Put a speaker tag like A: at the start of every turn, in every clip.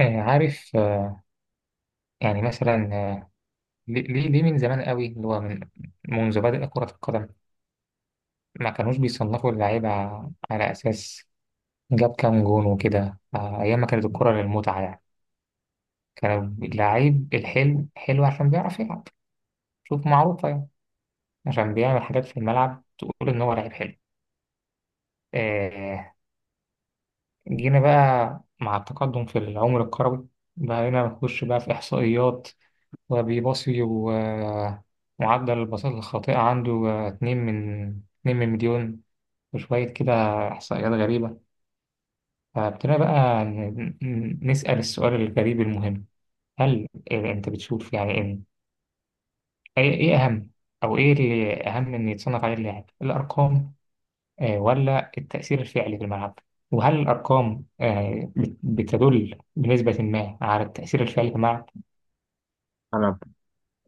A: عارف، يعني مثلا، ليه من زمان قوي، اللي هو منذ بدأ كرة القدم ما كانوش بيصنفوا اللعيبة على أساس جاب كام جون وكده. أيام ما كانت الكرة للمتعة يعني، كان اللعيب الحلو حلو عشان بيعرف يلعب، شوف، معروفة يعني، عشان بيعمل حاجات في الملعب تقول إن هو لعيب حلو. آه، جينا بقى مع التقدم في العمر الكروي بقينا نخش بقى في إحصائيات وبيباصي و... ومعدل الباصات الخاطئة عنده اتنين من مليون وشوية كده، إحصائيات غريبة. فابتدينا بقى نسأل السؤال الغريب المهم، هل أنت بتشوف يعني إن إيه أهم، أو إيه اللي أهم إن يتصنف عليه اللاعب؟ الأرقام ولا التأثير الفعلي في الملعب؟ وهل الأرقام بتدل بنسبة ما على التأثير الفعلي في الملعب؟
B: انا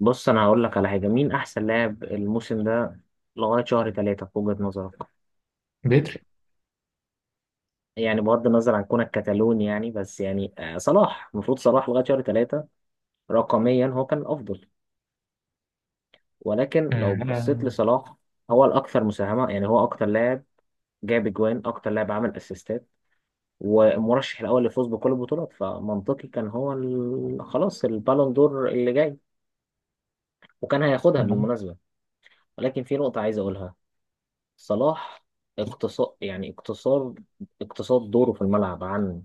B: بص انا هقول لك على حاجه. مين احسن لاعب الموسم ده لغايه شهر ثلاثة في وجهه نظرك؟
A: بدري.
B: يعني بغض النظر عن كونك كتالوني يعني بس صلاح، المفروض صلاح لغايه شهر ثلاثة رقميا هو كان الافضل. ولكن لو بصيت
A: آه،
B: لصلاح، هو الاكثر مساهمه، يعني هو اكتر لاعب جاب اجوان، اكتر لاعب عمل اسيستات، والمرشح الاول للفوز بكل البطولات، فمنطقي كان هو خلاص البالون دور اللي جاي، وكان هياخدها
A: أنا
B: بالمناسبه. ولكن في نقطه عايز اقولها. صلاح اقتصاد، يعني اقتصاد، اقتصاد دوره في الملعب عن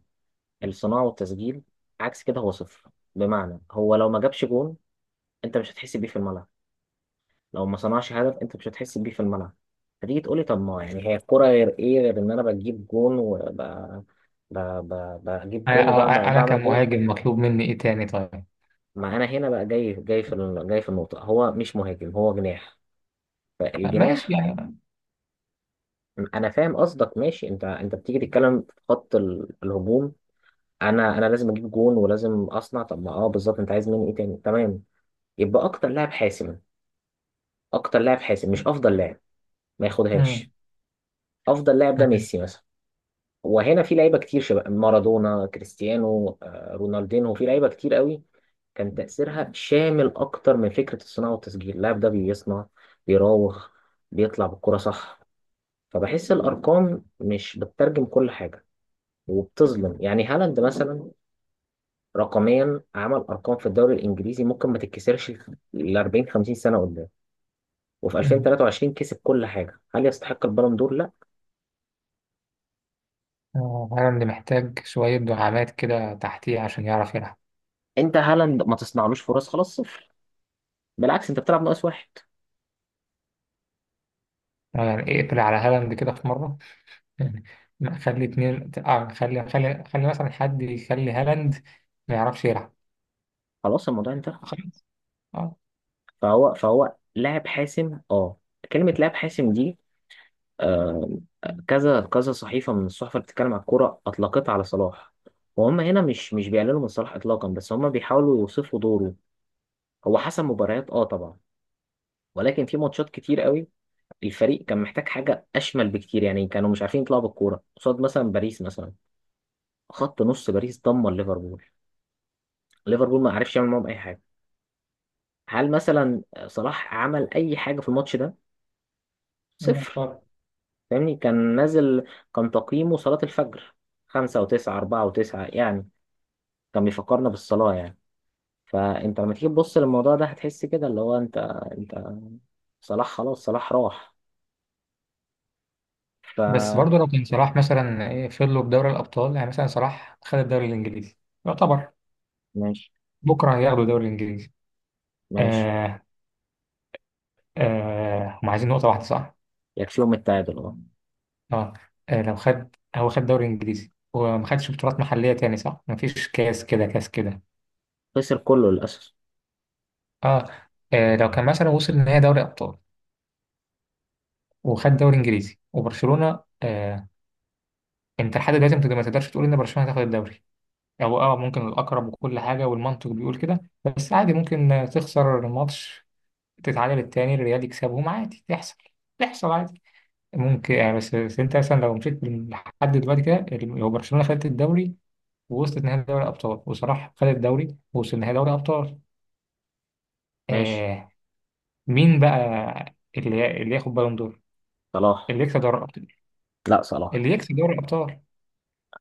B: الصناعة والتسجيل، عكس كده هو صفر. بمعنى هو لو ما جابش جون، انت مش هتحس بيه في الملعب، لو ما صنعش هدف انت مش هتحس بيه في الملعب. فتيجي تقولي طب ما يعني هي الكرة غير ايه، غير ان انا بجيب جون بجيب جون
A: أنا
B: وبعمل
A: أنا
B: بعمل جون.
A: كمهاجم مطلوب مني إيه تاني طيب؟
B: ما انا هنا بقى جاي في النقطة، هو مش مهاجم، هو جناح.
A: ماشي
B: فالجناح،
A: يعني.
B: انا فاهم قصدك، ماشي، انت بتيجي تتكلم في خط الهجوم. انا لازم اجيب جون ولازم اصنع، طب ما اه بالظبط انت عايز مني ايه تاني، تمام. يبقى اكتر لاعب حاسم، اكتر لاعب حاسم مش افضل لاعب، ما
A: مم.
B: ياخدهاش. افضل لاعب ده
A: مم.
B: ميسي مثلا، وهنا في لعيبه كتير، شباب مارادونا، كريستيانو، رونالدينو، في لعيبه كتير قوي كان تاثيرها شامل اكتر من فكره الصناعه والتسجيل. اللاعب ده بيصنع، بيراوغ، بيطلع بالكره، صح؟ فبحس الارقام مش بتترجم كل حاجه، وبتظلم. يعني هالاند مثلا رقميا عمل ارقام في الدوري الانجليزي ممكن ما تتكسرش ل 40 50 سنه قدام، وفي
A: مم.
B: 2023 كسب كل حاجه. هل يستحق البالون دور؟ لا.
A: هالاند محتاج شوية دعامات كده تحتيه عشان يعرف يلعب.
B: انت هالاند ما تصنعلوش فرص خلاص صفر، بالعكس انت بتلعب ناقص واحد.
A: يعني اقفل على هالاند كده في مرة، يعني خلي اتنين، خلي مثلا حد يخلي هالاند ما يعرفش يلعب.
B: خلاص الموضوع انتهى.
A: خلاص. اه.
B: فهو لاعب حاسم، اه، كلمه لاعب حاسم دي، آه، كذا كذا صحيفه من الصحف اللي بتتكلم عن الكوره اطلقتها على صلاح، وهم هنا مش بيقللوا من صلاح اطلاقا، بس هم بيحاولوا يوصفوا دوره. هو حسم مباريات، اه طبعا، ولكن في ماتشات كتير قوي الفريق كان محتاج حاجة أشمل بكتير، يعني كانوا مش عارفين يطلعوا بالكورة قصاد مثلا باريس مثلا. خط نص باريس دمر ليفربول، ليفربول ما عرفش يعمل معاهم أي حاجة. هل مثلا صلاح عمل أي حاجة في الماتش ده؟
A: يبقى
B: صفر.
A: خلاص.
B: فاهمني؟ كان نازل، كان تقييمه صلاة الفجر، خمسة وتسعة، أربعة وتسعة، يعني كان بيفكرنا بالصلاة يعني. فأنت لما تيجي تبص للموضوع ده هتحس كده اللي هو أنت، أنت، صلاح خلاص، صلاح راح.
A: بس
B: فماشي.
A: برضه لو كان صلاح مثلا، ايه، فضلوا بدوري الأبطال، يعني مثلا صلاح خد الدوري الإنجليزي، يعتبر
B: ماشي.
A: بكرة هياخدوا الدوري الإنجليزي.
B: ماشي.
A: آه. هم عايزين نقطة واحدة صح؟
B: يكفيهم التعادل، أه.
A: اه. لو خد، هو خد دوري انجليزي وما خدش بطولات محليه تاني صح، ما فيش كاس كده كاس كده.
B: خسر كله للأسف.
A: اه. لو كان مثلا وصل نهائي دوري ابطال وخد دوري انجليزي وبرشلونه. آه. انت لحد دلوقتي ما تقدرش تقول ان برشلونه هتاخد الدوري، او اه، ممكن الاقرب وكل حاجه والمنطق بيقول كده، بس عادي ممكن تخسر الماتش، تتعادل التاني، الريال يكسبهم عادي، تحصل، تحصل عادي ممكن يعني. بس انت مثلا لو مشيت لحد دلوقتي كده، لو برشلونه خدت الدوري ووصلت نهائي دوري الأبطال وصلاح خد الدوري ووصل نهائي دوري الأبطال،
B: ماشي.
A: آه، مين بقى اللي ياخد بالون دور؟
B: صلاح.
A: اللي يكسب دوري الأبطال؟
B: لا صلاح.
A: اللي يكسب دوري الأبطال؟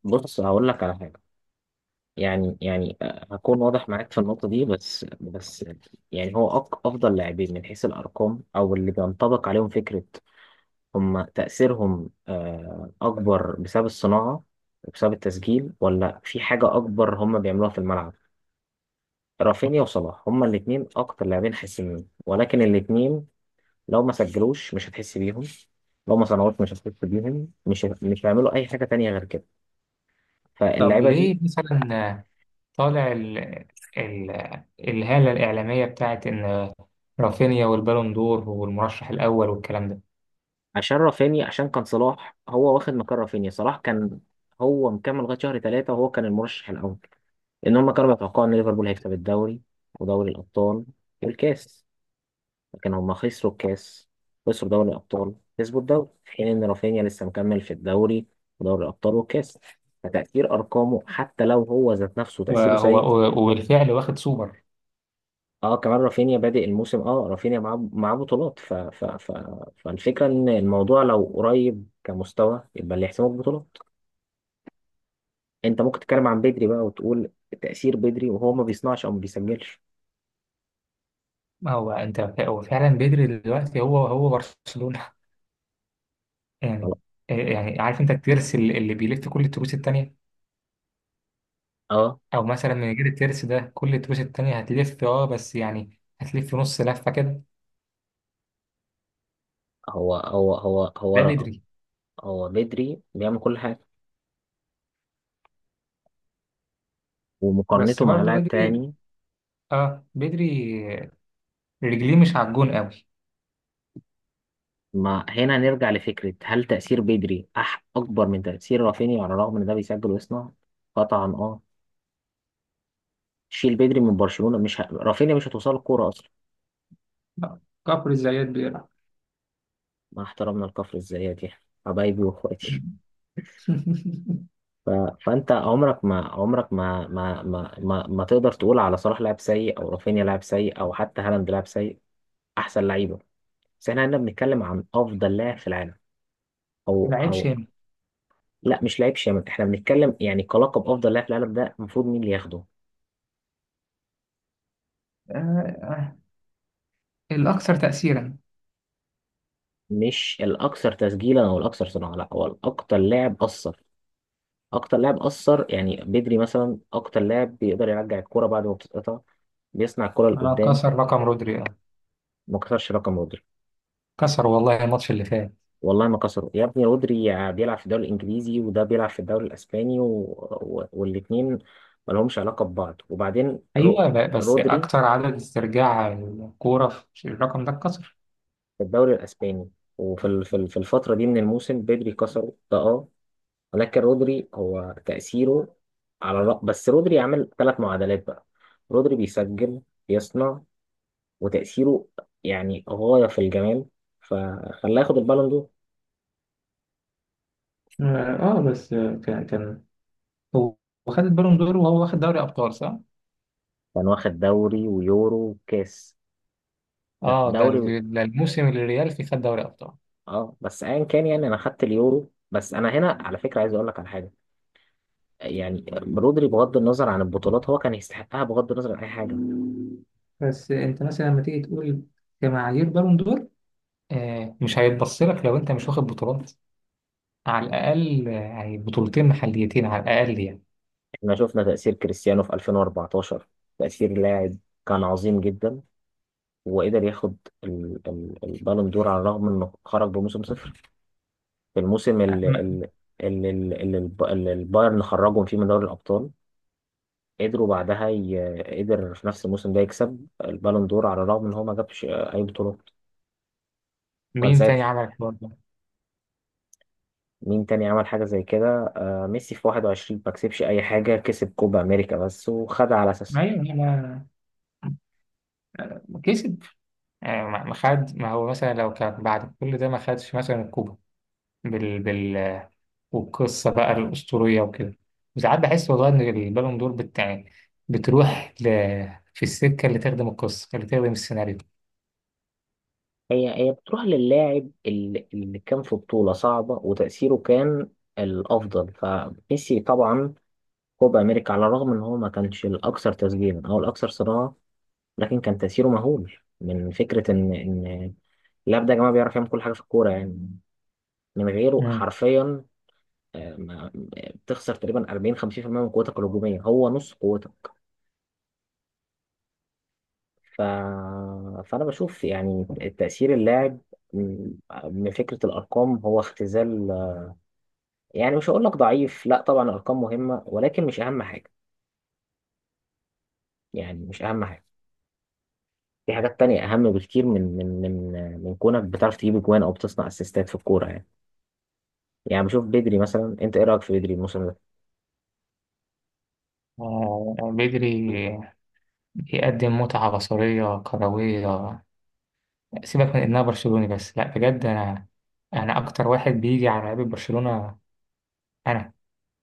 B: بص هقول لك على حاجة، يعني هكون واضح معاك في النقطة دي، بس يعني هو أفضل لاعبين من حيث الأرقام أو اللي بينطبق عليهم فكرة هم تأثيرهم أكبر بسبب الصناعة وبسبب التسجيل، ولا في حاجة أكبر هم بيعملوها في الملعب. رافينيا وصلاح هما الاتنين أكتر لاعبين حاسمين، ولكن الاتنين لو ما سجلوش مش هتحس بيهم، لو ما صنعوش مش هتحس بيهم، مش هيعملوا أي حاجة تانية غير كده.
A: طب
B: فاللعيبة دي،
A: ليه مثلا طالع ال... الهالة الإعلامية بتاعت إن رافينيا والبالون دور والمرشح الأول والكلام ده؟
B: عشان رافينيا، عشان كان صلاح هو واخد مكان رافينيا. صلاح كان هو مكمل لغايه شهر ثلاثه وهو كان المرشح الاول، لان هم كانوا بيتوقعوا ان ليفربول هيكسب الدوري ودوري الابطال والكاس، لكن هم خسروا الكاس، خسروا دوري الابطال، كسبوا الدوري. في حين ان رافينيا لسه مكمل في الدوري ودوري الابطال والكاس. فتأثير أرقامه حتى لو هو ذات نفسه تأثيره
A: وهو
B: سيء،
A: وبالفعل واخد سوبر.
B: اه كمان رافينيا بادئ الموسم، اه رافينيا معاه بطولات. فالفكرة إن الموضوع لو قريب كمستوى يبقى اللي يحسمه بطولات. انت ممكن تتكلم عن بدري بقى، وتقول تأثير بدري وهو ما بيصنعش او ما بيسجلش.
A: ما هو أنت، هو فعلا بدري دلوقتي، هو برشلونة يعني.
B: خلاص.
A: يعني عارف أنت الترس اللي بيلف كل التروس التانية،
B: اه.
A: او مثلا من غير الترس ده كل التروس التانية هتلف، اه بس يعني هتلف نص لفة كده.
B: هو
A: ده
B: رقم،
A: بدري.
B: هو بدري بيعمل كل حاجه.
A: بس
B: ومقارنته مع
A: برضه
B: لاعب
A: بدري،
B: تاني،
A: اه بدري، رجليه مش على الجون قوي.
B: ما هنا نرجع لفكره هل تأثير بدري اكبر من تأثير رافينيا على الرغم ان ده بيسجل ويصنع؟ قطعا اه. شيل بدري من برشلونه مش ه... رافينيا مش هتوصل الكوره اصلا.
A: لا، كفر الزيات بيلعب.
B: مع احترامنا لكفر الزيات، يعني حبايبي واخواتي. ف... فانت عمرك ما تقدر تقول على صلاح لاعب سيء او رافينيا لاعب سيء او حتى هالاند لاعب سيء. احسن لعيبه، بس احنا هنا بنتكلم عن افضل لاعب في العالم. او.
A: لعيب
B: او.
A: شامل.
B: لا مش لاعب شامل، احنا بنتكلم يعني كلقب افضل لاعب في العالم ده المفروض مين اللي ياخده؟
A: آه. آه. الأكثر تأثيرا.
B: مش الاكثر تسجيلا او الاكثر صناعه، لا، هو الاكثر لاعب اثر. اكتر لاعب اثر، يعني بدري مثلا اكتر لاعب بيقدر يرجع الكرة بعد ما بتتقطع، بيصنع الكرة
A: آه،
B: لقدام.
A: كسر رقم رودري، آه.
B: ما كسرش رقم رودري.
A: كسر والله، الماتش اللي فات.
B: والله ما كسروا يا ابني. رودري بيلعب في الدوري الانجليزي وده بيلعب في الدوري الاسباني و... و... والاثنين ما لهمش علاقه ببعض. وبعدين
A: أيوه، بس
B: رودري
A: أكثر عدد استرجاع الكورة، في الرقم ده اتكسر.
B: في الدوري الاسباني، وفي في الفتره دي من الموسم بدري كسره ده، اه. ولكن رودري هو تاثيره على بس رودري عمل ثلاث معادلات بقى، رودري بيسجل، بيصنع، وتاثيره يعني غايه في الجمال، فخلاه ياخد البالون دور.
A: اه. بس كان هو، خد البالون دور وهو واخد دوري أبطال صح؟
B: كان واخد دوري ويورو وكاس. لا
A: اه، ده
B: دوري.
A: ده الموسم اللي الريال فيه خد دوري ابطال.
B: اه بس ايا كان، يعني انا خدت اليورو بس. انا هنا على فكره عايز اقول لك على حاجه، يعني رودري بغض النظر عن البطولات هو كان يستحقها بغض النظر عن اي حاجه.
A: بس انت مثلا لما تيجي تقول كمعايير بالون دور، آه مش هيتبص لك لو انت مش واخد بطولات، على الاقل يعني بطولتين محليتين على الاقل يعني.
B: احنا شفنا تاثير كريستيانو في 2014، تاثير لاعب كان عظيم جدا وقدر ياخد البالون دور على الرغم انه خرج بموسم صفر في الموسم اللي
A: م-
B: اللي اللي اللي الب- اللي البايرن خرجهم فيه من دوري الابطال. قدر في نفس الموسم ده يكسب البالون دور على الرغم ان هو ما جابش اي بطولات. كان
A: مين
B: ساعة.
A: تاني عمل الحوار ده؟
B: مين تاني عمل حاجة زي كده؟ آه ميسي في 21 ما كسبش أي حاجة، كسب كوبا أمريكا بس وخدها على أساسها.
A: ايوه، ما، ما كسب. ما خد. ما هو مثلا لو كان بعد كل ده ما خدش مثلا الكوبا، بال والقصة بقى الأسطورية وكده، وساعات بحس والله إن البالون دور بتاع، بتروح ل... في السكة اللي تخدم القصة، اللي تخدم السيناريو.
B: هي بتروح للاعب اللي كان في بطولة صعبة وتأثيره كان الأفضل. فميسي طبعا كوبا أمريكا على الرغم إن هو ما كانش الأكثر تسجيلا أو الأكثر صناعة، لكن كان تأثيره مهول، من فكرة إن اللاعب ده يا جماعة بيعرف يعمل كل حاجة في الكورة يعني. من غيره
A: مم.
B: حرفيا بتخسر تقريبا 40 50% من قوتك الهجومية، هو نص قوتك. ف... فأنا بشوف يعني تأثير اللاعب م- من فكرة الأرقام هو اختزال. يعني مش هقول لك ضعيف، لا طبعا الأرقام مهمة، ولكن مش أهم حاجة. يعني مش أهم حاجة، في حاجات تانية أهم بكتير من كونك بتعرف تجيب أجوان أو بتصنع أسيستات في الكورة يعني. يعني بشوف بدري مثلا، أنت إيه رأيك في بدري الموسم ده؟
A: بدري يقدم متعة بصرية كروية، سيبك من إنها برشلوني. بس لا بجد، أنا، أنا أكتر واحد بيجي على لعيبة برشلونة، أنا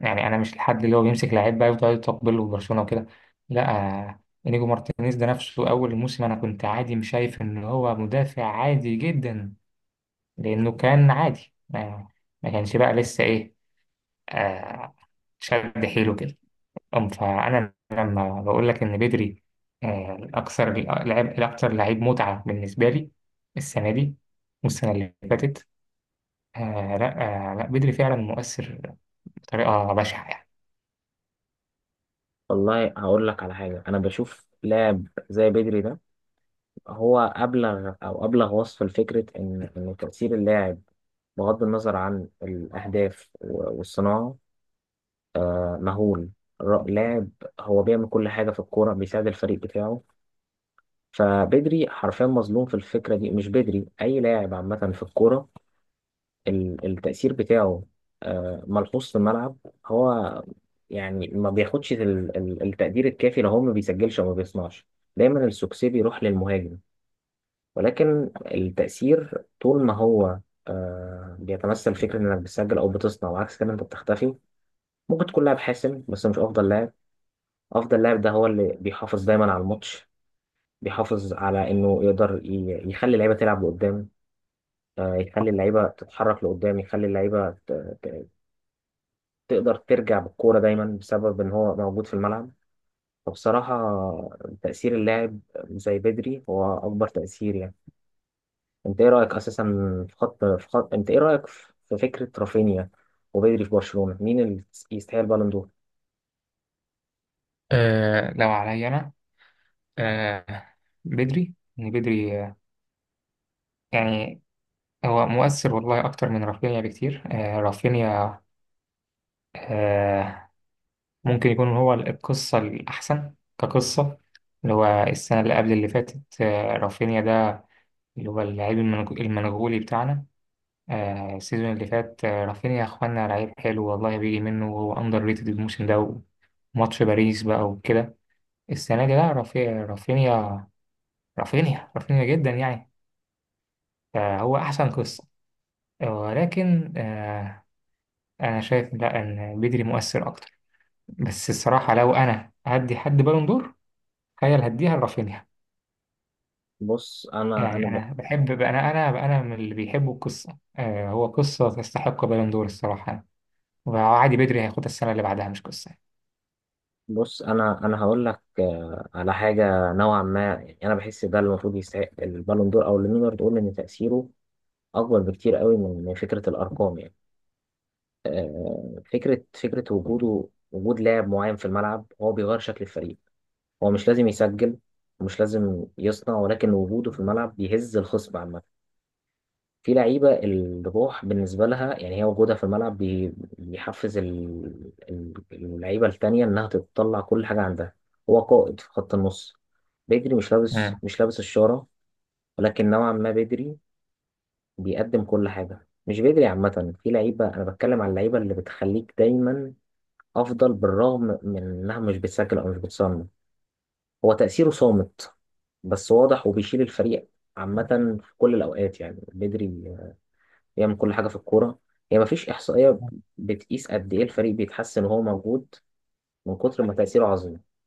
A: يعني، أنا مش الحد اللي هو بيمسك لعيب بقى يفضل يطبل له برشلونة وكده، لا. إنيجو مارتينيز ده نفسه أول الموسم أنا كنت عادي مش شايف إن هو مدافع، عادي جدا، لأنه كان عادي، ما كانش بقى لسه إيه، آه شد حيله كده. أم، فأنا لما بقول لك إن بدري الأكثر، لعب الأكثر، لعيب متعة بالنسبة لي السنة دي والسنة اللي فاتت. آه لا لا بدري فعلا مؤثر بطريقة بشعة يعني.
B: والله هقول لك على حاجة. أنا بشوف لاعب زي بدري ده هو أبلغ أو أبلغ وصفا لفكرة إن تأثير اللاعب بغض النظر عن الأهداف والصناعة، آه، مهول. اللاعب هو بيعمل كل حاجة في الكورة، بيساعد الفريق بتاعه. فبدري حرفيا مظلوم في الفكرة دي، مش بدري، أي لاعب عامة في الكورة التأثير بتاعه آه، ملحوظ في الملعب. هو يعني ما بياخدش التقدير الكافي لو هو ما بيسجلش أو ما بيصنعش. دايما السوكسي بيروح للمهاجم، ولكن التأثير طول ما هو آه، بيتمثل فكرة إنك بتسجل أو بتصنع وعكس كده أنت بتختفي. ممكن تكون لاعب حاسم بس مش أفضل لاعب. أفضل لاعب ده هو اللي بيحافظ دايما على الماتش، بيحافظ على إنه يقدر يخلي اللعيبة تلعب لقدام، آه، يخلي اللعيبة تتحرك لقدام، يخلي اللعيبة ت- تقدر ترجع بالكورة دايما بسبب إن هو موجود في الملعب. فبصراحة تأثير اللاعب زي بدري هو أكبر تأثير يعني. انت ايه رايك اساسا في خط، انت ايه رايك في فكره رافينيا وبدري في برشلونه، مين اللي يستاهل بالون دور؟
A: لو عليا أنا، آه بدري، إن بدري يعني، هو مؤثر والله أكتر من رافينيا بكتير. آه رافينيا، آه، ممكن يكون هو القصة الأحسن كقصة، اللي هو السنة اللي قبل اللي فاتت. رافينيا ده اللي هو اللعيب المنغولي بتاعنا. السيزون اللي فات رافينيا يا إخوانا لعيب حلو والله بيجي منه، وهو أندر ريتد الموسم ده وماتش باريس بقى وكده. السنة دي لا، رافينيا رافينيا رافينيا جدا يعني، فهو أحسن قصة. ولكن أنا شايف لا، إن بدري مؤثر أكتر. بس الصراحة لو أنا هدي حد بالون دور تخيل هديها لرافينيا
B: بص انا انا
A: يعني.
B: ب...
A: انا بحب، انا من اللي بيحبوا القصه. هو قصه تستحق بالون دور الصراحه. وعادي بدري هياخدها السنه اللي بعدها، مش قصه.
B: بص انا هقول لك على حاجه نوعا ما. يعني انا بحس ده اللي المفروض يستحق البالون دور، او اللي نقدر نقول ان تاثيره اكبر بكتير قوي من فكره الارقام يعني. آه، فكره وجوده، وجود لاعب معين في الملعب هو بيغير شكل الفريق. هو مش لازم يسجل، ومش لازم يصنع، ولكن وجوده في الملعب بيهز الخصم عامه. في لعيبة الروح بالنسبة لها، يعني هي وجودها في الملعب بيحفز اللعيبة التانية إنها تطلع كل حاجة عندها. هو قائد في خط النص. بدري مش لابس
A: مم.
B: مش لابس الشارة، ولكن نوعا ما بدري بيقدم كل حاجة، مش بدري عامة، في لعيبة أنا بتكلم على اللعيبة اللي بتخليك دايما أفضل بالرغم من إنها مش بتسجل أو مش بتصنع. هو تأثيره صامت بس واضح، وبيشيل الفريق عامة في كل الأوقات. يعني بدري يعمل كل حاجة في الكورة. هي مفيش إحصائية بتقيس قد إيه الفريق بيتحسن وهو موجود، من كتر ما تأثيره عظيم.